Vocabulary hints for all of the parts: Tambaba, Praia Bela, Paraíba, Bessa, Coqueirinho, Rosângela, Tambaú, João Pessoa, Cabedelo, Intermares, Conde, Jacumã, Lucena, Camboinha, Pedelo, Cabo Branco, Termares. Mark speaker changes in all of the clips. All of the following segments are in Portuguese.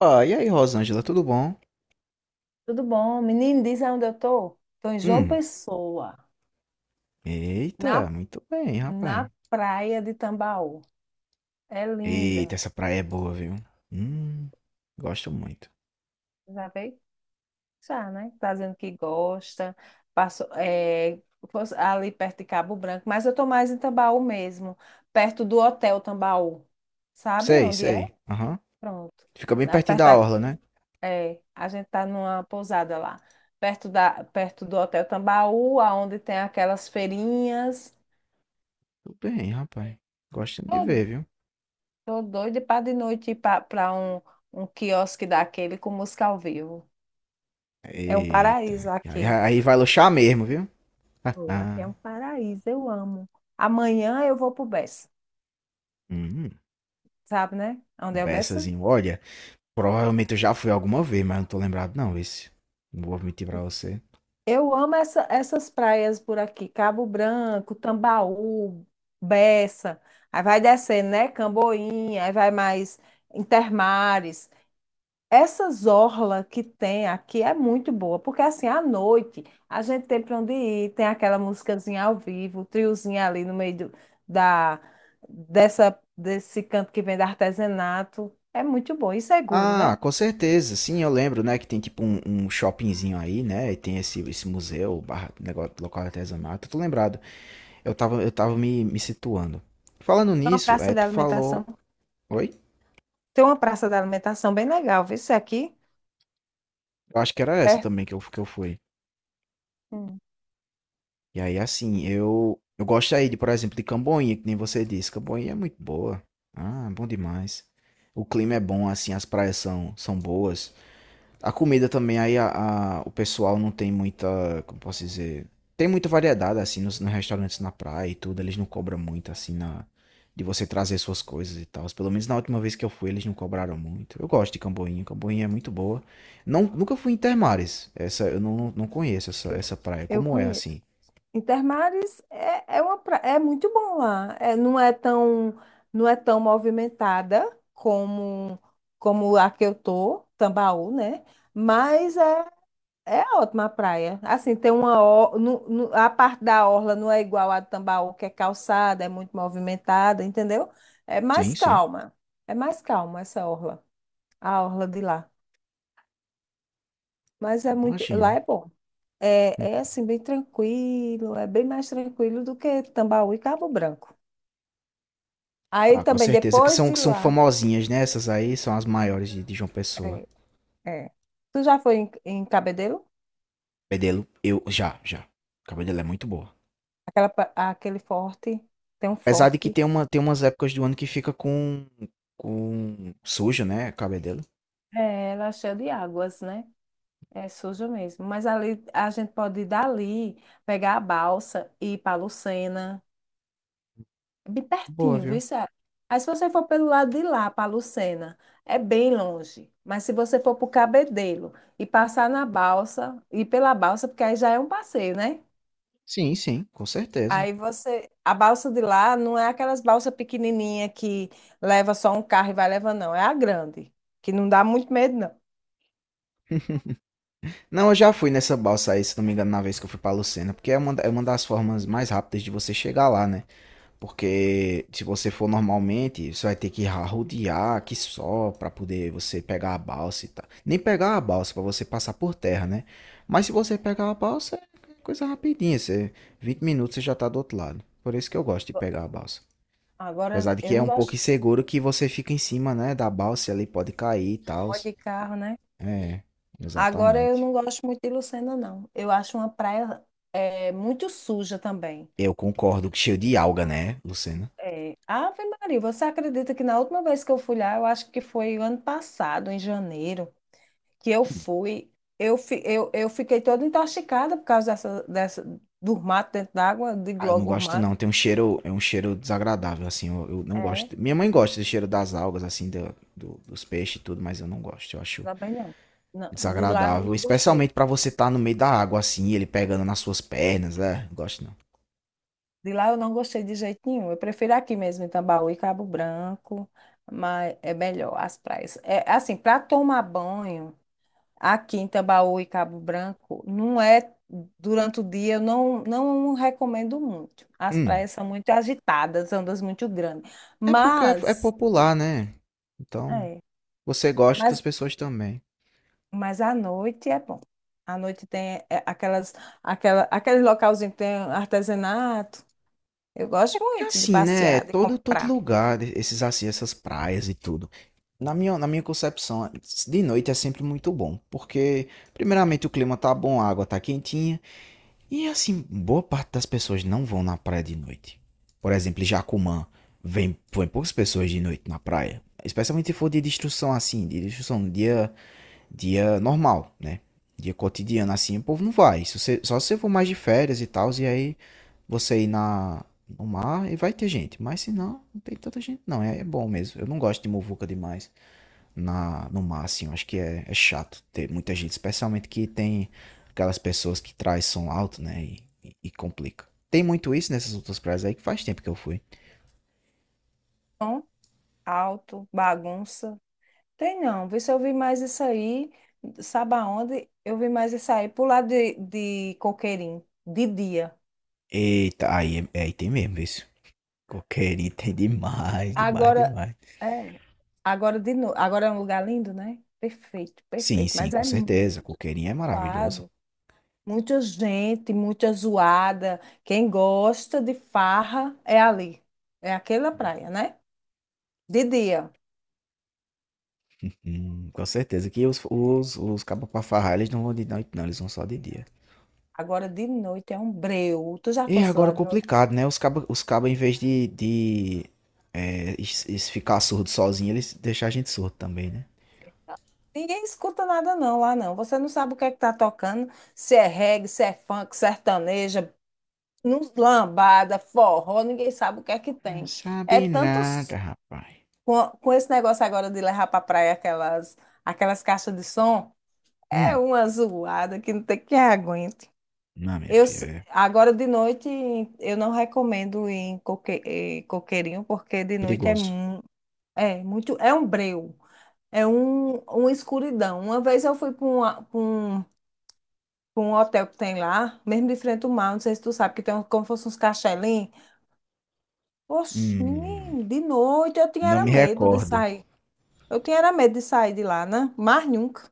Speaker 1: Ah, e aí, Rosângela, tudo bom?
Speaker 2: Tudo bom? Menino, diz onde eu tô? Tô em João
Speaker 1: Hum,
Speaker 2: Pessoa, na,
Speaker 1: eita, muito bem, rapaz.
Speaker 2: na praia de Tambaú. É
Speaker 1: Eita,
Speaker 2: linda.
Speaker 1: essa praia é boa, viu? Hum, gosto muito.
Speaker 2: Já veio? Já, né? Tá dizendo que gosta. Passou, é, fosse ali perto de Cabo Branco, mas eu tô mais em Tambaú mesmo, perto do Hotel Tambaú. Sabe
Speaker 1: Sei,
Speaker 2: onde é?
Speaker 1: sei. Aham.
Speaker 2: Pronto.
Speaker 1: Fica bem
Speaker 2: Lá
Speaker 1: pertinho
Speaker 2: perto
Speaker 1: da
Speaker 2: da,
Speaker 1: orla, né?
Speaker 2: é, a gente tá numa pousada lá, perto do Hotel Tambaú, aonde tem aquelas feirinhas.
Speaker 1: Tudo bem, rapaz. Gosto de ver, viu?
Speaker 2: Tô doida para de noite ir para um quiosque daquele com música ao vivo. É um
Speaker 1: Eita,
Speaker 2: paraíso
Speaker 1: aí,
Speaker 2: aqui.
Speaker 1: aí vai luxar mesmo, viu?
Speaker 2: Pô, aqui é um paraíso, eu amo. Amanhã eu vou pro Bessa,
Speaker 1: Hum,
Speaker 2: sabe, né? Onde é o Bessa?
Speaker 1: beçazinho. Olha, provavelmente eu já fui alguma vez, mas não tô lembrado não, esse. Não vou mentir pra você.
Speaker 2: Eu amo essas praias por aqui, Cabo Branco, Tambaú, Bessa. Aí vai descendo, né? Camboinha, aí vai mais Intermares. Essas orla que tem aqui é muito boa, porque assim, à noite a gente tem para onde ir, tem aquela musicazinha ao vivo, o triozinho ali no meio da, desse canto que vem do artesanato. É muito bom e seguro,
Speaker 1: Ah,
Speaker 2: né?
Speaker 1: com certeza. Sim, eu lembro, né, que tem tipo um shoppingzinho aí, né, e tem esse museu, barra, negócio, local artesanato. Tô lembrado. Eu tava me situando. Falando
Speaker 2: Tem uma
Speaker 1: nisso,
Speaker 2: praça
Speaker 1: é,
Speaker 2: de
Speaker 1: tu
Speaker 2: alimentação.
Speaker 1: falou... Oi?
Speaker 2: Tem uma praça de alimentação bem legal, viu? Isso aqui,
Speaker 1: Eu acho que era essa
Speaker 2: perto,
Speaker 1: também que eu fui.
Speaker 2: hum,
Speaker 1: E aí, assim, eu gosto aí de, por exemplo, de Camboinha, que nem você disse. Camboinha é muito boa. Ah, bom demais. O clima é bom, assim, as praias são boas. A comida também, aí o pessoal não tem muita, como posso dizer, tem muita variedade, assim, nos restaurantes na praia e tudo, eles não cobram muito, assim, na, de você trazer suas coisas e tal. Pelo menos na última vez que eu fui, eles não cobraram muito. Eu gosto de Camboinha, Camboinha é muito boa. Não, nunca fui em Termares, essa, eu não, não conheço essa praia,
Speaker 2: eu
Speaker 1: como é,
Speaker 2: conheço.
Speaker 1: assim?
Speaker 2: Intermares é é muito bom lá. Não é tão movimentada como, como a que eu tô, Tambaú, né? Mas é, é ótima a praia. Assim, tem uma. A parte da orla não é igual a de Tambaú, que é calçada, é muito movimentada, entendeu? É mais
Speaker 1: Sim, sim,
Speaker 2: calma. É mais calma essa orla de lá. Mas é muito. Lá
Speaker 1: imagino.
Speaker 2: é bom. É,
Speaker 1: Hum.
Speaker 2: é assim, bem tranquilo, é bem mais tranquilo do que Tambaú e Cabo Branco. Aí
Speaker 1: Ah, com
Speaker 2: também,
Speaker 1: certeza,
Speaker 2: depois de
Speaker 1: que são
Speaker 2: lá,
Speaker 1: famosinhas, né? Essas aí são as maiores de João Pessoa.
Speaker 2: é, é. Tu já foi em, em Cabedelo?
Speaker 1: Pedelo, eu, já, já. Cabedelo é muito boa.
Speaker 2: Aquela, aquele forte, tem um
Speaker 1: Apesar de que
Speaker 2: forte.
Speaker 1: tem umas épocas do ano que fica com sujo, né, cabedelo.
Speaker 2: É, ela é cheia de águas, né? É suja mesmo. Mas ali a gente pode ir dali, pegar a balsa e ir para Lucena. Bem
Speaker 1: Boa,
Speaker 2: pertinho,
Speaker 1: viu.
Speaker 2: viu? Sara? Aí se você for pelo lado de lá, para Lucena, é bem longe. Mas se você for para o Cabedelo e passar na balsa, e pela balsa, porque aí já é um passeio, né?
Speaker 1: Sim, sim, com certeza.
Speaker 2: Aí você, a balsa de lá não é aquelas balsas pequenininha que leva só um carro e vai levando, não. É a grande, que não dá muito medo, não.
Speaker 1: Não, eu já fui nessa balsa aí, se não me engano, na vez que eu fui pra Lucena, porque é uma, é uma das formas mais rápidas de você chegar lá, né? Porque se você for normalmente, você vai ter que rodear aqui só pra poder você pegar a balsa e tal. Nem pegar a balsa pra você passar por terra, né? Mas se você pegar a balsa, é coisa rapidinha, você 20 minutos você já tá do outro lado. Por isso que eu gosto de pegar a balsa.
Speaker 2: Agora,
Speaker 1: Apesar de que
Speaker 2: eu
Speaker 1: é
Speaker 2: não
Speaker 1: um pouco
Speaker 2: gosto
Speaker 1: inseguro que você fica em cima, né, da balsa e ali pode cair e tal.
Speaker 2: muito de carro, né?
Speaker 1: É,
Speaker 2: Agora, eu
Speaker 1: exatamente.
Speaker 2: não gosto muito de Lucena, não. Eu acho uma praia é, muito suja também.
Speaker 1: Eu concordo que cheiro de alga, né, Lucena?
Speaker 2: Ave Maria, você acredita que na última vez que eu fui lá, eu acho que foi o ano passado, em janeiro, que eu fui, eu fiquei toda intoxicada por causa do mato dentro d'água, de
Speaker 1: Ah, eu não
Speaker 2: logo
Speaker 1: gosto
Speaker 2: mato.
Speaker 1: não, tem um cheiro, é um cheiro desagradável, assim, eu não
Speaker 2: É, de
Speaker 1: gosto. Minha mãe gosta do cheiro das algas, assim, dos peixes e tudo, mas eu não gosto, eu acho
Speaker 2: lá bem não. Não, de lá eu
Speaker 1: desagradável.
Speaker 2: não gostei.
Speaker 1: Especialmente pra você estar no meio da água, assim, ele pegando nas suas pernas, é, não gosto não.
Speaker 2: De lá eu não gostei de jeito nenhum. Eu prefiro aqui mesmo, em Tambaú e Cabo Branco, mas é melhor as praias. É assim, para tomar banho. Aqui em Tambaú e Cabo Branco, não é durante o dia, eu não, não recomendo muito. As
Speaker 1: Hum,
Speaker 2: praias são muito agitadas, ondas muito grandes.
Speaker 1: é porque é
Speaker 2: Mas,
Speaker 1: popular, né? Então,
Speaker 2: é,
Speaker 1: você gosta, outras
Speaker 2: mas,
Speaker 1: pessoas também.
Speaker 2: mas à noite é bom. À noite tem é, aquele localzinho que tem artesanato. Eu gosto
Speaker 1: Que
Speaker 2: muito de
Speaker 1: assim, né?
Speaker 2: passear, de
Speaker 1: Todo
Speaker 2: comprar.
Speaker 1: lugar, né, esses assim, essas praias e tudo. Na minha concepção, de noite é sempre muito bom, porque primeiramente o clima tá bom, a água tá quentinha, e assim, boa parte das pessoas não vão na praia de noite. Por exemplo, em Jacumã, vem poucas pessoas de noite na praia, especialmente se for de destruição assim, de destruição no dia dia normal, né? Dia cotidiano assim, o povo não vai. Se você- só se você for mais de férias e tal, e aí você ir na, no mar e vai ter gente. Mas se não, não tem tanta gente, não. É, é bom mesmo. Eu não gosto de muvuca demais na, no mar, assim. Eu acho que é chato ter muita gente, especialmente que tem aquelas pessoas que traz som alto, né? E complica. Tem muito isso nessas outras praias aí que faz tempo que eu fui.
Speaker 2: Som alto, bagunça. Tem não, vê se eu vi mais isso aí, sabe aonde? Eu vi mais isso aí, pro lado de Coqueirinho, de dia.
Speaker 1: Eita, é aí tem mesmo isso. Coqueirinho tem demais, demais,
Speaker 2: Agora,
Speaker 1: demais.
Speaker 2: é, agora de novo, agora é um lugar lindo, né? Perfeito,
Speaker 1: Sim,
Speaker 2: perfeito,
Speaker 1: sim,
Speaker 2: mas
Speaker 1: com
Speaker 2: é
Speaker 1: certeza.
Speaker 2: muito
Speaker 1: Coqueirinho é maravilhoso.
Speaker 2: lado, muita gente, muita zoada, quem gosta de farra é ali, é aquela
Speaker 1: Né?
Speaker 2: praia, né? De dia,
Speaker 1: Com certeza que os cabas pra farrar, eles não vão de noite, não, eles vão só de dia.
Speaker 2: agora de noite é um breu, tu já
Speaker 1: E
Speaker 2: fosse
Speaker 1: agora é
Speaker 2: lá de noite?
Speaker 1: complicado, né? Os cabas, os caba, em vez de é, ficar surdo sozinho, eles deixam a gente surdo também, né?
Speaker 2: Ninguém escuta nada não lá não. Você não sabe o que é que tá tocando, se é reggae, se é funk, sertaneja, lambada, forró, ninguém sabe o que é que
Speaker 1: Não
Speaker 2: tem. É
Speaker 1: sabe
Speaker 2: tanto
Speaker 1: nada,
Speaker 2: s-
Speaker 1: rapaz.
Speaker 2: com esse negócio agora de levar para praia aquelas caixas de som, é
Speaker 1: Hum,
Speaker 2: uma zoada que não tem quem aguente.
Speaker 1: não, minha filha, é
Speaker 2: Agora de noite eu não recomendo ir em coqueirinho porque de noite
Speaker 1: perigoso.
Speaker 2: é muito é um breu. É um, uma escuridão. Uma vez eu fui para pra um hotel que tem lá, mesmo de frente ao mar, não sei se tu sabe, que tem como fosse uns cachelinhos. Oxe,
Speaker 1: Hum,
Speaker 2: menino, de noite eu tinha
Speaker 1: não
Speaker 2: era
Speaker 1: me
Speaker 2: medo de
Speaker 1: recordo.
Speaker 2: sair. Eu tinha era medo de sair de lá, né? Mas nunca.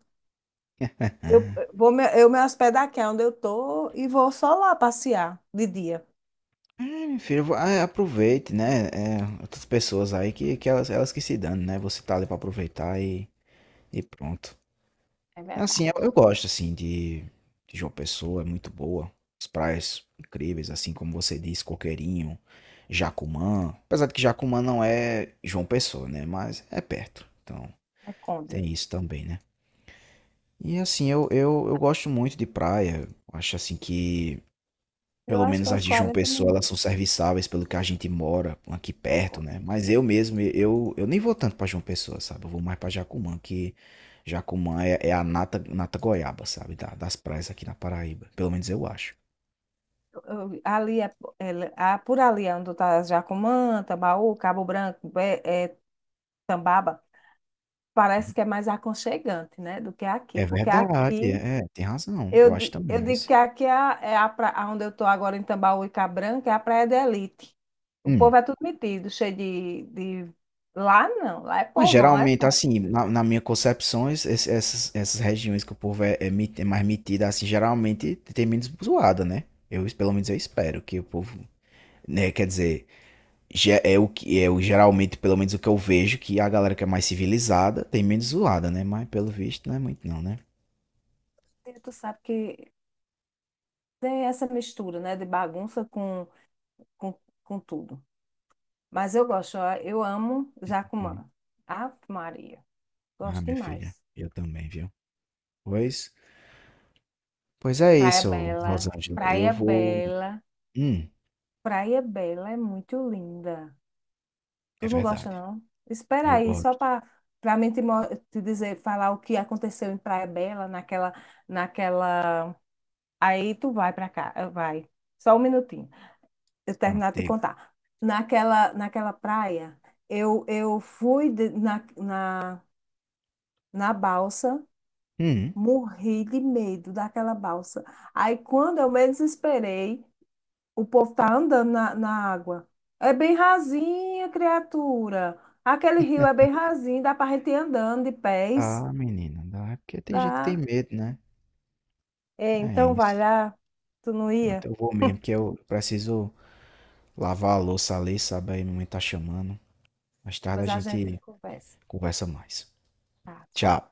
Speaker 2: Eu me hospedar aqui é onde eu tô e vou só lá passear de dia.
Speaker 1: É, meu filho, aproveite, né? É, outras pessoas aí que elas que se dão, né? Você tá ali pra aproveitar e pronto. É assim, eu gosto assim de João Pessoa, é muito boa. As praias incríveis, assim como você disse, Coqueirinho, Jacumã. Apesar de que Jacumã não é João Pessoa, né? Mas é perto. Então,
Speaker 2: É Conde.
Speaker 1: tem isso também, né? E assim, eu gosto muito de praia. Eu acho assim que
Speaker 2: Eu
Speaker 1: pelo
Speaker 2: acho que
Speaker 1: menos
Speaker 2: é
Speaker 1: as
Speaker 2: uns
Speaker 1: de João
Speaker 2: quarenta
Speaker 1: Pessoa, elas
Speaker 2: minutos.
Speaker 1: são serviçáveis pelo que a gente mora aqui
Speaker 2: Tá,
Speaker 1: perto,
Speaker 2: Conde.
Speaker 1: né? Mas eu mesmo, eu nem vou tanto pra João Pessoa, sabe? Eu vou mais pra Jacumã, que Jacumã é, é a nata, nata goiaba, sabe? Das praias aqui na Paraíba. Pelo menos eu acho.
Speaker 2: Eu- ali é, ah, por ali é onde tá Jacumã, Tambaú, Cabo Branco, é, é Tambaba.
Speaker 1: Uhum.
Speaker 2: Parece que é mais aconchegante, né, do que aqui,
Speaker 1: É
Speaker 2: porque
Speaker 1: verdade,
Speaker 2: aqui
Speaker 1: é, é, tem razão. Eu acho
Speaker 2: eu
Speaker 1: também, viu?
Speaker 2: digo que aqui é é a a onde eu estou agora em Tambaú Tambaúca Branca, é a praia de elite. O povo
Speaker 1: Hum.
Speaker 2: é tudo metido, cheio de... Lá não, lá é
Speaker 1: Mas
Speaker 2: povão, é
Speaker 1: geralmente,
Speaker 2: povo.
Speaker 1: assim, na, na minha concepção, essas, essas regiões que o povo é, é mais metido, assim, geralmente tem menos zoada, né? Eu, pelo menos eu espero que o povo, né, quer dizer. É o que é o geralmente, pelo menos o que eu vejo, que é a galera que é mais civilizada tem menos zoada, né? Mas pelo visto não é muito não, né?
Speaker 2: E tu sabe que tem essa mistura, né, de bagunça com, com tudo. Mas eu gosto, ó, eu amo
Speaker 1: Uhum.
Speaker 2: Jacumã. Ave Maria,
Speaker 1: Ah,
Speaker 2: gosto
Speaker 1: minha filha,
Speaker 2: demais.
Speaker 1: eu também, viu? Pois, pois é
Speaker 2: Praia
Speaker 1: isso,
Speaker 2: Bela,
Speaker 1: Rosângela. Eu
Speaker 2: Praia
Speaker 1: vou.
Speaker 2: Bela,
Speaker 1: Hum,
Speaker 2: Praia Bela é muito linda.
Speaker 1: é
Speaker 2: Tu não gosta,
Speaker 1: verdade.
Speaker 2: não? Espera
Speaker 1: Eu
Speaker 2: aí, só
Speaker 1: gosto.
Speaker 2: para para mim te, mo- te dizer, falar o que aconteceu em Praia Bela, naquela, naquela. Aí tu vai para cá, vai. Só um minutinho. Eu
Speaker 1: Pronto,
Speaker 2: terminar de te
Speaker 1: diga.
Speaker 2: contar. Naquela praia, eu fui na balsa,
Speaker 1: Hum,
Speaker 2: morri de medo daquela balsa. Aí quando eu menos esperei, o povo tá andando na água. É bem rasinha, criatura. Aquele rio é bem rasinho, dá pra gente ir andando de pés.
Speaker 1: tá, menina, dá. É porque tem gente que tem
Speaker 2: Dá.
Speaker 1: medo, né?
Speaker 2: É,
Speaker 1: É
Speaker 2: então vai
Speaker 1: isso.
Speaker 2: lá. Tu não
Speaker 1: Pronto,
Speaker 2: ia?
Speaker 1: eu vou mesmo, que eu preciso lavar a louça ali, sabe? Aí minha mãe tá chamando. Mais tarde a
Speaker 2: Pois a gente
Speaker 1: gente
Speaker 2: conversa.
Speaker 1: conversa mais.
Speaker 2: Tá, tchau.
Speaker 1: Tchau.